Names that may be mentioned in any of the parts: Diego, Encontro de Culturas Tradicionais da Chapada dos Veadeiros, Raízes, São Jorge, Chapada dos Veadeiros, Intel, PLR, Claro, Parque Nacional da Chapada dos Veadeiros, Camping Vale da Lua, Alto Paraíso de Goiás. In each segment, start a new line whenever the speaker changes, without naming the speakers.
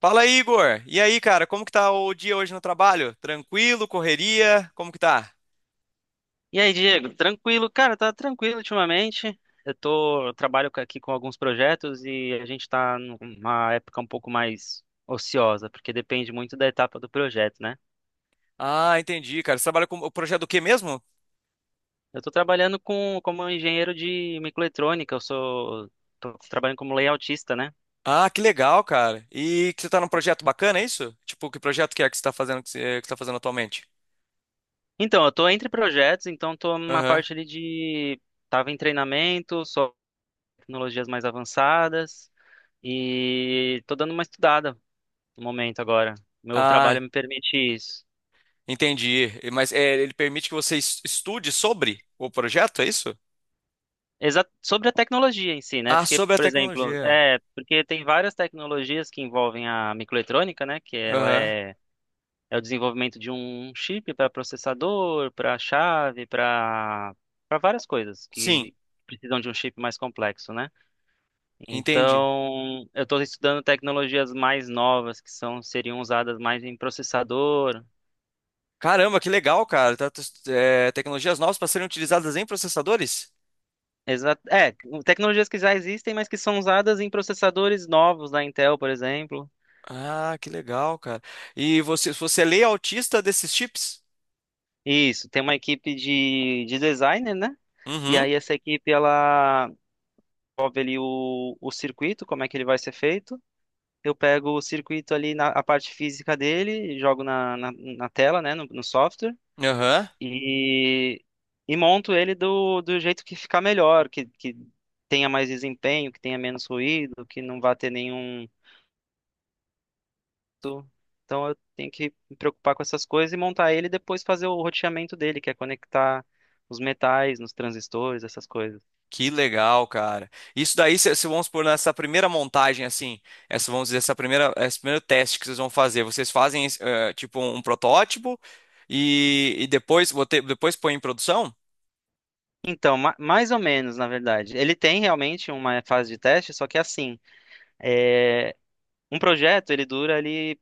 Fala, Igor. E aí, cara, como que tá o dia hoje no trabalho? Tranquilo, correria? Como que tá?
E aí, Diego, tranquilo? Cara, tá tranquilo ultimamente. Eu trabalho aqui com alguns projetos, e a gente tá numa época um pouco mais ociosa, porque depende muito da etapa do projeto, né?
Ah, entendi, cara. Você trabalha com o projeto do quê mesmo?
Eu tô trabalhando como engenheiro de microeletrônica, tô trabalhando como layoutista, né?
Ah, que legal, cara. E que você tá num projeto bacana, é isso? Tipo, que projeto que é que você tá fazendo que você tá fazendo atualmente?
Então, eu tô entre projetos, então tô numa
Aham.
parte ali de, tava em treinamento, só tecnologias mais avançadas, e tô dando uma estudada no momento agora. Meu
Ah,
trabalho me permite isso.
entendi. E- Mas é, ele permite que você estude sobre o projeto, é isso?
Exa Sobre a tecnologia em si, né?
Ah,
Porque,
sobre a
por exemplo,
tecnologia.
porque tem várias tecnologias que envolvem a microeletrônica, né? Que ela
Aham.
é, é o desenvolvimento de um chip para processador, para chave, para várias coisas
Sim,
que precisam de um chip mais complexo, né?
entendi.
Então, eu estou estudando tecnologias mais novas que são seriam usadas mais em processador.
Caramba, que legal, cara. É, tecnologias novas para serem utilizadas em processadores?
Exa é, Tecnologias que já existem, mas que são usadas em processadores novos da Intel, por exemplo.
Ah, que legal, cara. E você é lei autista desses chips?
Isso, tem uma equipe de designer, né? E
Uhum.
aí essa equipe, ela desenvolve ali o circuito, como é que ele vai ser feito. Eu pego o circuito ali na a parte física dele, jogo na tela, né, no software,
Aham.
e, e monto ele do jeito que ficar melhor, que tenha mais desempenho, que tenha menos ruído, que não vá ter nenhum. Então eu tenho que me preocupar com essas coisas e montar ele e depois fazer o roteamento dele, que é conectar os metais nos transistores, essas coisas.
Que legal, cara. Isso daí, se vamos supor, nessa primeira montagem, assim, essa, vamos dizer, essa primeira, esse primeiro teste que vocês vão fazer, vocês fazem, tipo, um protótipo e depois, depois põe em produção?
Então, mais ou menos, na verdade. Ele tem realmente uma fase de teste, só que assim, é, um projeto ele dura ali,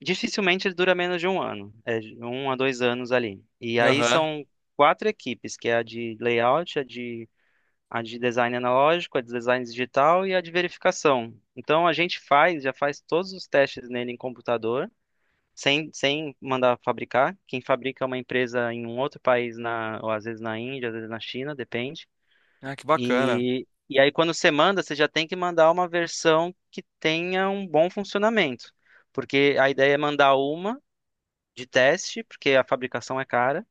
dificilmente ele dura menos de um ano, é de um a dois anos ali. E aí
Aham.
são quatro equipes, que é a de layout, a de design analógico, a de design digital e a de verificação. Então a gente faz, já faz todos os testes nele em computador, sem mandar fabricar. Quem fabrica é uma empresa em um outro país, ou às vezes na Índia, às vezes na China, depende.
Ah, que bacana.
E aí quando você manda, você já tem que mandar uma versão que tenha um bom funcionamento. Porque a ideia é mandar uma de teste, porque a fabricação é cara,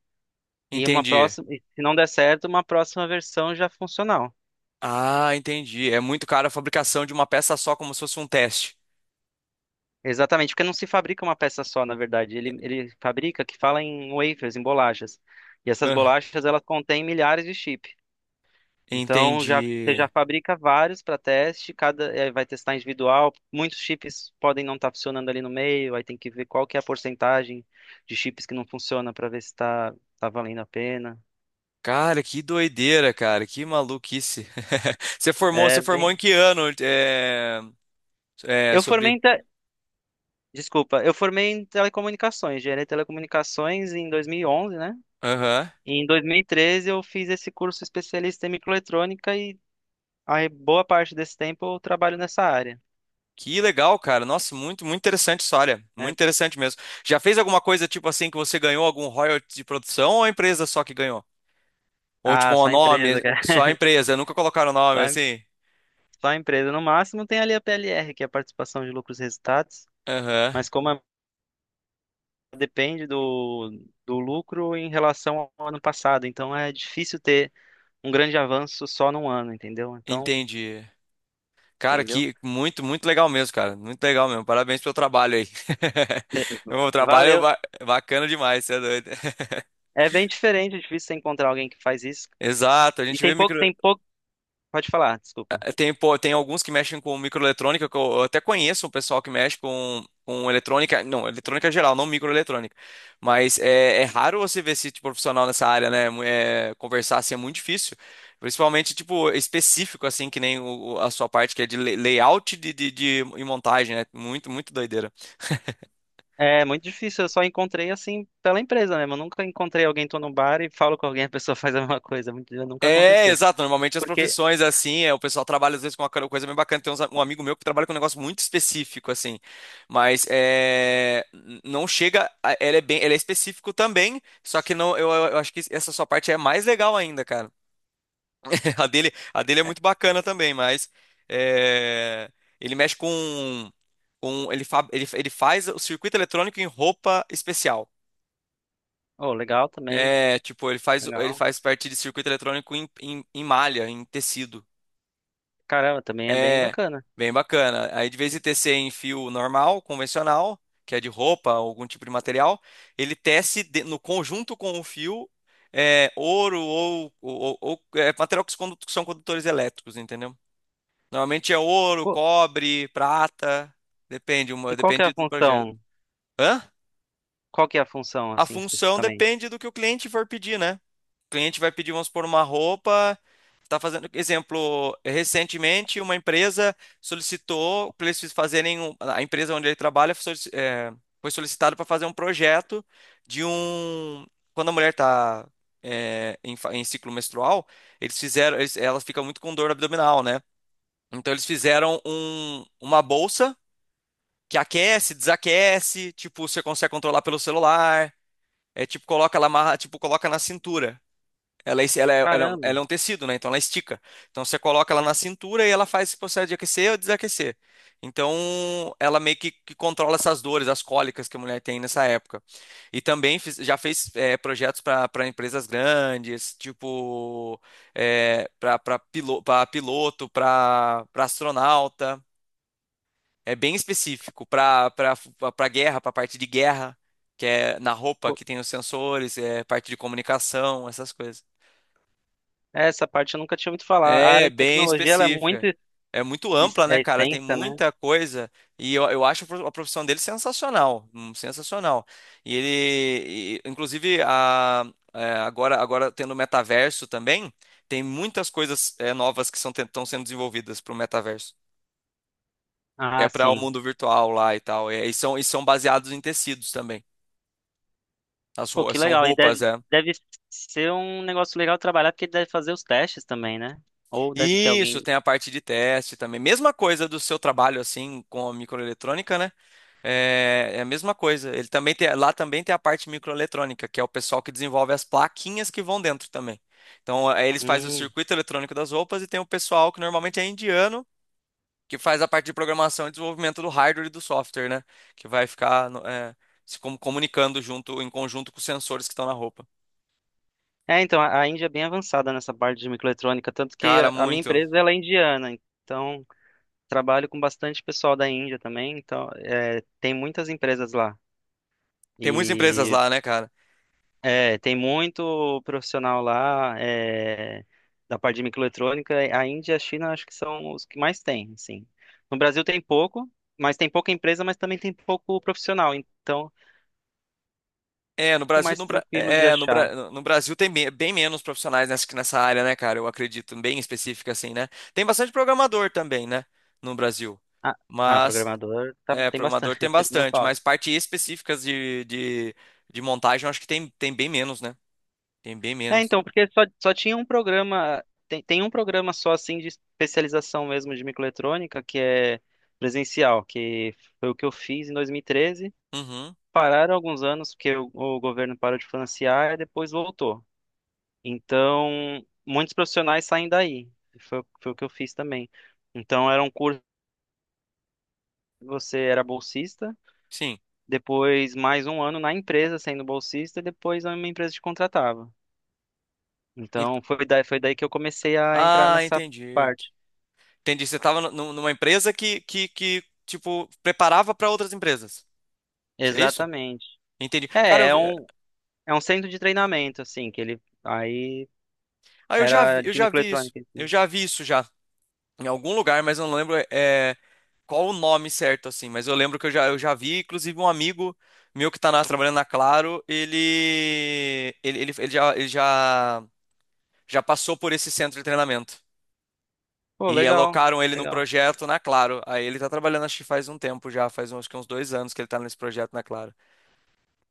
e uma
Entendi.
próxima, e se não der certo, uma próxima versão já funcional.
Ah, entendi. É muito caro a fabricação de uma peça só, como se fosse um teste.
Exatamente, porque não se fabrica uma peça só, na verdade. Ele fabrica, que fala em wafers, em bolachas. E essas
Ah,
bolachas, elas contêm milhares de chip. Então, já, você
entendi.
já fabrica vários para teste, cada vai testar individual. Muitos chips podem não estar funcionando ali no meio, aí tem que ver qual que é a porcentagem de chips que não funciona para ver se está tá tá valendo a pena.
Cara, que doideira, cara, que maluquice. Você
É,
formou
bem...
em que ano?
Eu formei
Sobre.
em te... Desculpa, eu formei em telecomunicações, engenharia de telecomunicações em 2011, né?
Aham.
Em 2013 eu fiz esse curso especialista em microeletrônica, e a boa parte desse tempo eu trabalho nessa área,
Que legal, cara. Nossa, muito interessante a história. Muito
né?
interessante mesmo. Já fez alguma coisa tipo assim que você ganhou algum royalty de produção ou a empresa só que ganhou? Ou tipo
Ah,
um
só empresa,
nome,
cara.
só a empresa, nunca colocaram
Só,
nome
em-
assim?
só empresa. No máximo tem ali a PLR, que é a participação de lucros e resultados,
Aham.
mas depende do lucro em relação ao ano passado, então é difícil ter um grande avanço só num ano, entendeu? Então,
Entendi. Cara,
entendeu?
que muito legal mesmo, cara. Muito legal mesmo. Parabéns pelo trabalho aí. O trabalho
Valeu.
ba- bacana demais, você é doido.
É bem diferente, é difícil você encontrar alguém que faz isso.
Exato, a
E
gente
tem
vê
pouco,
micro...
tem pouco. Pode falar, desculpa.
tem, pô, tem alguns que mexem com microeletrônica, que eu até conheço um pessoal que mexe com eletrônica, não, eletrônica geral, não microeletrônica. Mas é, é raro você ver esse tipo de profissional nessa área, né? é, conversar assim é muito difícil, principalmente tipo específico assim, que nem a sua parte que é de layout de, e montagem, né? Muito doideira.
É muito difícil, eu só encontrei assim pela empresa mesmo. Eu nunca encontrei alguém, tô no bar e falo com alguém, a pessoa faz a mesma coisa. Nunca
É,
aconteceu.
exato. Normalmente as
Porque,
profissões, assim, é, o pessoal trabalha às vezes com uma coisa bem bacana. Tem um amigo meu que trabalha com um negócio muito específico, assim. Mas é, não chega. Ele é bem, ele é específico também. Só que não, eu, eu acho que essa sua parte é mais legal ainda, cara. A dele é muito bacana também, mas é, ele mexe com ele, fa, ele faz o circuito eletrônico em roupa especial.
oh, legal também,
É, tipo, ele
legal.
faz parte de circuito eletrônico em, em, em malha, em tecido.
Caramba, também é bem
É,
bacana.
bem bacana. Aí de vez de tecer em fio normal, convencional, que é de roupa, algum tipo de material, ele no conjunto com o fio é, ouro ou, é, material que se que são condutores elétricos, entendeu? Normalmente é ouro,
Pô,
cobre, prata, depende, uma,
e qual que é a
depende do projeto.
função?
Hã?
Qual que é a função,
A
assim,
função
especificamente?
depende do que o cliente for pedir, né? O cliente vai pedir, vamos supor, uma roupa. Está fazendo, exemplo, recentemente uma empresa solicitou para eles a empresa onde ele trabalha foi foi solicitado para fazer um projeto de um quando a mulher está em, em ciclo menstrual, eles fizeram, eles, ela fica muito com dor abdominal, né? Então eles fizeram um, uma bolsa que aquece, desaquece, tipo, você consegue controlar pelo celular. É tipo, coloca, ela amarra, tipo, coloca na cintura. Ela, é ela,
Caramba,
ela é um tecido, né? Então ela estica. Então você coloca ela na cintura e ela faz esse processo de aquecer ou desaquecer. Então ela meio que controla essas dores, as cólicas que a mulher tem nessa época. E também já fez projetos para para empresas grandes, tipo, para piloto, para astronauta. É bem específico para para guerra, para parte de guerra, que é na roupa
pô,
que tem os sensores, é parte de comunicação, essas coisas.
essa parte eu nunca tinha ouvido falar. A
É
área de
bem
tecnologia, ela é muito
específica. É muito ampla, né,
é
cara? Tem
extensa, né?
muita coisa. E eu acho a profissão dele sensacional. Sensacional. E ele, e, inclusive, a, é, agora tendo o metaverso também, tem muitas coisas é, novas que são, estão sendo desenvolvidas para o metaverso. É
Ah,
para o
sim.
mundo virtual lá e tal. É, e são baseados em tecidos também. As
Pô,
roupas
que
são
legal. E
roupas,
deve,
é.
deve ser um negócio legal trabalhar, porque deve fazer os testes também, né? Ou deve ter
Isso,
alguém.
tem a parte de teste também. Mesma coisa do seu trabalho, assim, com a microeletrônica, né? É, é a mesma coisa. Ele também tem, lá também tem a parte microeletrônica, que é o pessoal que desenvolve as plaquinhas que vão dentro também. Então, aí eles fazem o
Hum.
circuito eletrônico das roupas e tem o pessoal que normalmente é indiano, que faz a parte de programação e desenvolvimento do hardware e do software, né? Que vai ficar, é, se comunicando junto, em conjunto com os sensores que estão na roupa.
É, então, a Índia é bem avançada nessa parte de microeletrônica, tanto que
Cara,
a minha
muito.
empresa ela é indiana, então trabalho com bastante pessoal da Índia também, então é, tem muitas empresas lá.
Tem muitas empresas
E
lá, né, cara?
Tem muito profissional lá, da parte de microeletrônica. A Índia e a China acho que são os que mais tem, assim. No Brasil tem pouco, mas tem pouca empresa, mas também tem pouco profissional, então é um
É, no
pouco
Brasil,
mais tranquilo de achar.
No Brasil tem bem, bem menos profissionais nessa, que nessa área, né, cara? Eu acredito, bem específica assim, né? Tem bastante programador também, né, no Brasil.
Ah,
Mas,
programador
é,
tem bastante,
programador tem
não
bastante,
falta.
mas parte específicas de montagem, eu acho que tem, tem bem menos, né? Tem bem
É,
menos.
então, porque só tinha um programa, tem um programa só assim de especialização mesmo de microeletrônica, que é presencial, que foi o que eu fiz em 2013.
Uhum,
Pararam alguns anos porque o governo parou de financiar e depois voltou. Então, muitos profissionais saem daí. Foi o que eu fiz também. Então, era um curso que você era bolsista,
sim.
depois mais um ano na empresa sendo bolsista, e depois uma empresa te contratava.
Ent-
Então, foi daí que eu comecei a entrar
Ah,
nessa
entendi.
parte.
Entendi, você estava numa empresa que tipo, preparava para outras empresas. Isso É isso?
Exatamente.
Entendi. Cara, eu,
É, é
é,
um, é um centro de treinamento, assim, que ele. Aí
ah,
era
eu
de
já vi isso.
microeletrônica,
Eu
assim.
já vi isso já. Em algum lugar, mas eu não lembro é, qual o nome certo, assim. Mas eu lembro que eu já vi, inclusive, um amigo meu que trabalhando na Claro, ele já, já passou por esse centro de treinamento.
Pô,
E
legal,
alocaram ele num
legal.
projeto na Claro. Aí ele tá trabalhando, acho que faz um tempo já, faz uns, acho que uns dois anos que ele tá nesse projeto na Claro.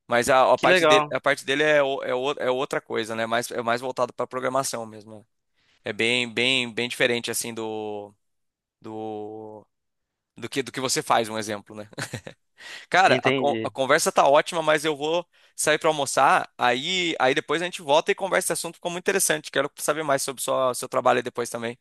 Mas
Que legal.
a parte dele é, o- é outra coisa, né? Mais, é mais voltado para programação mesmo. Né? É bem, bem, bem diferente, assim, do, do do que você faz, um exemplo, né? Cara, a, a
Entendi.
conversa tá ótima, mas eu vou sair para almoçar, aí depois a gente volta e conversa esse assunto, ficou muito interessante. Quero saber mais sobre sua, seu trabalho aí depois também.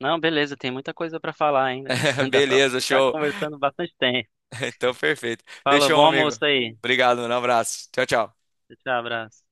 Não, beleza, tem muita coisa pra falar ainda, cara. Dá pra
Beleza,
ficar
show.
conversando bastante tempo.
Então, perfeito.
Fala,
Fechou,
bom
meu amigo.
almoço aí.
Obrigado, um abraço. Tchau, tchau.
Tchau, abraço.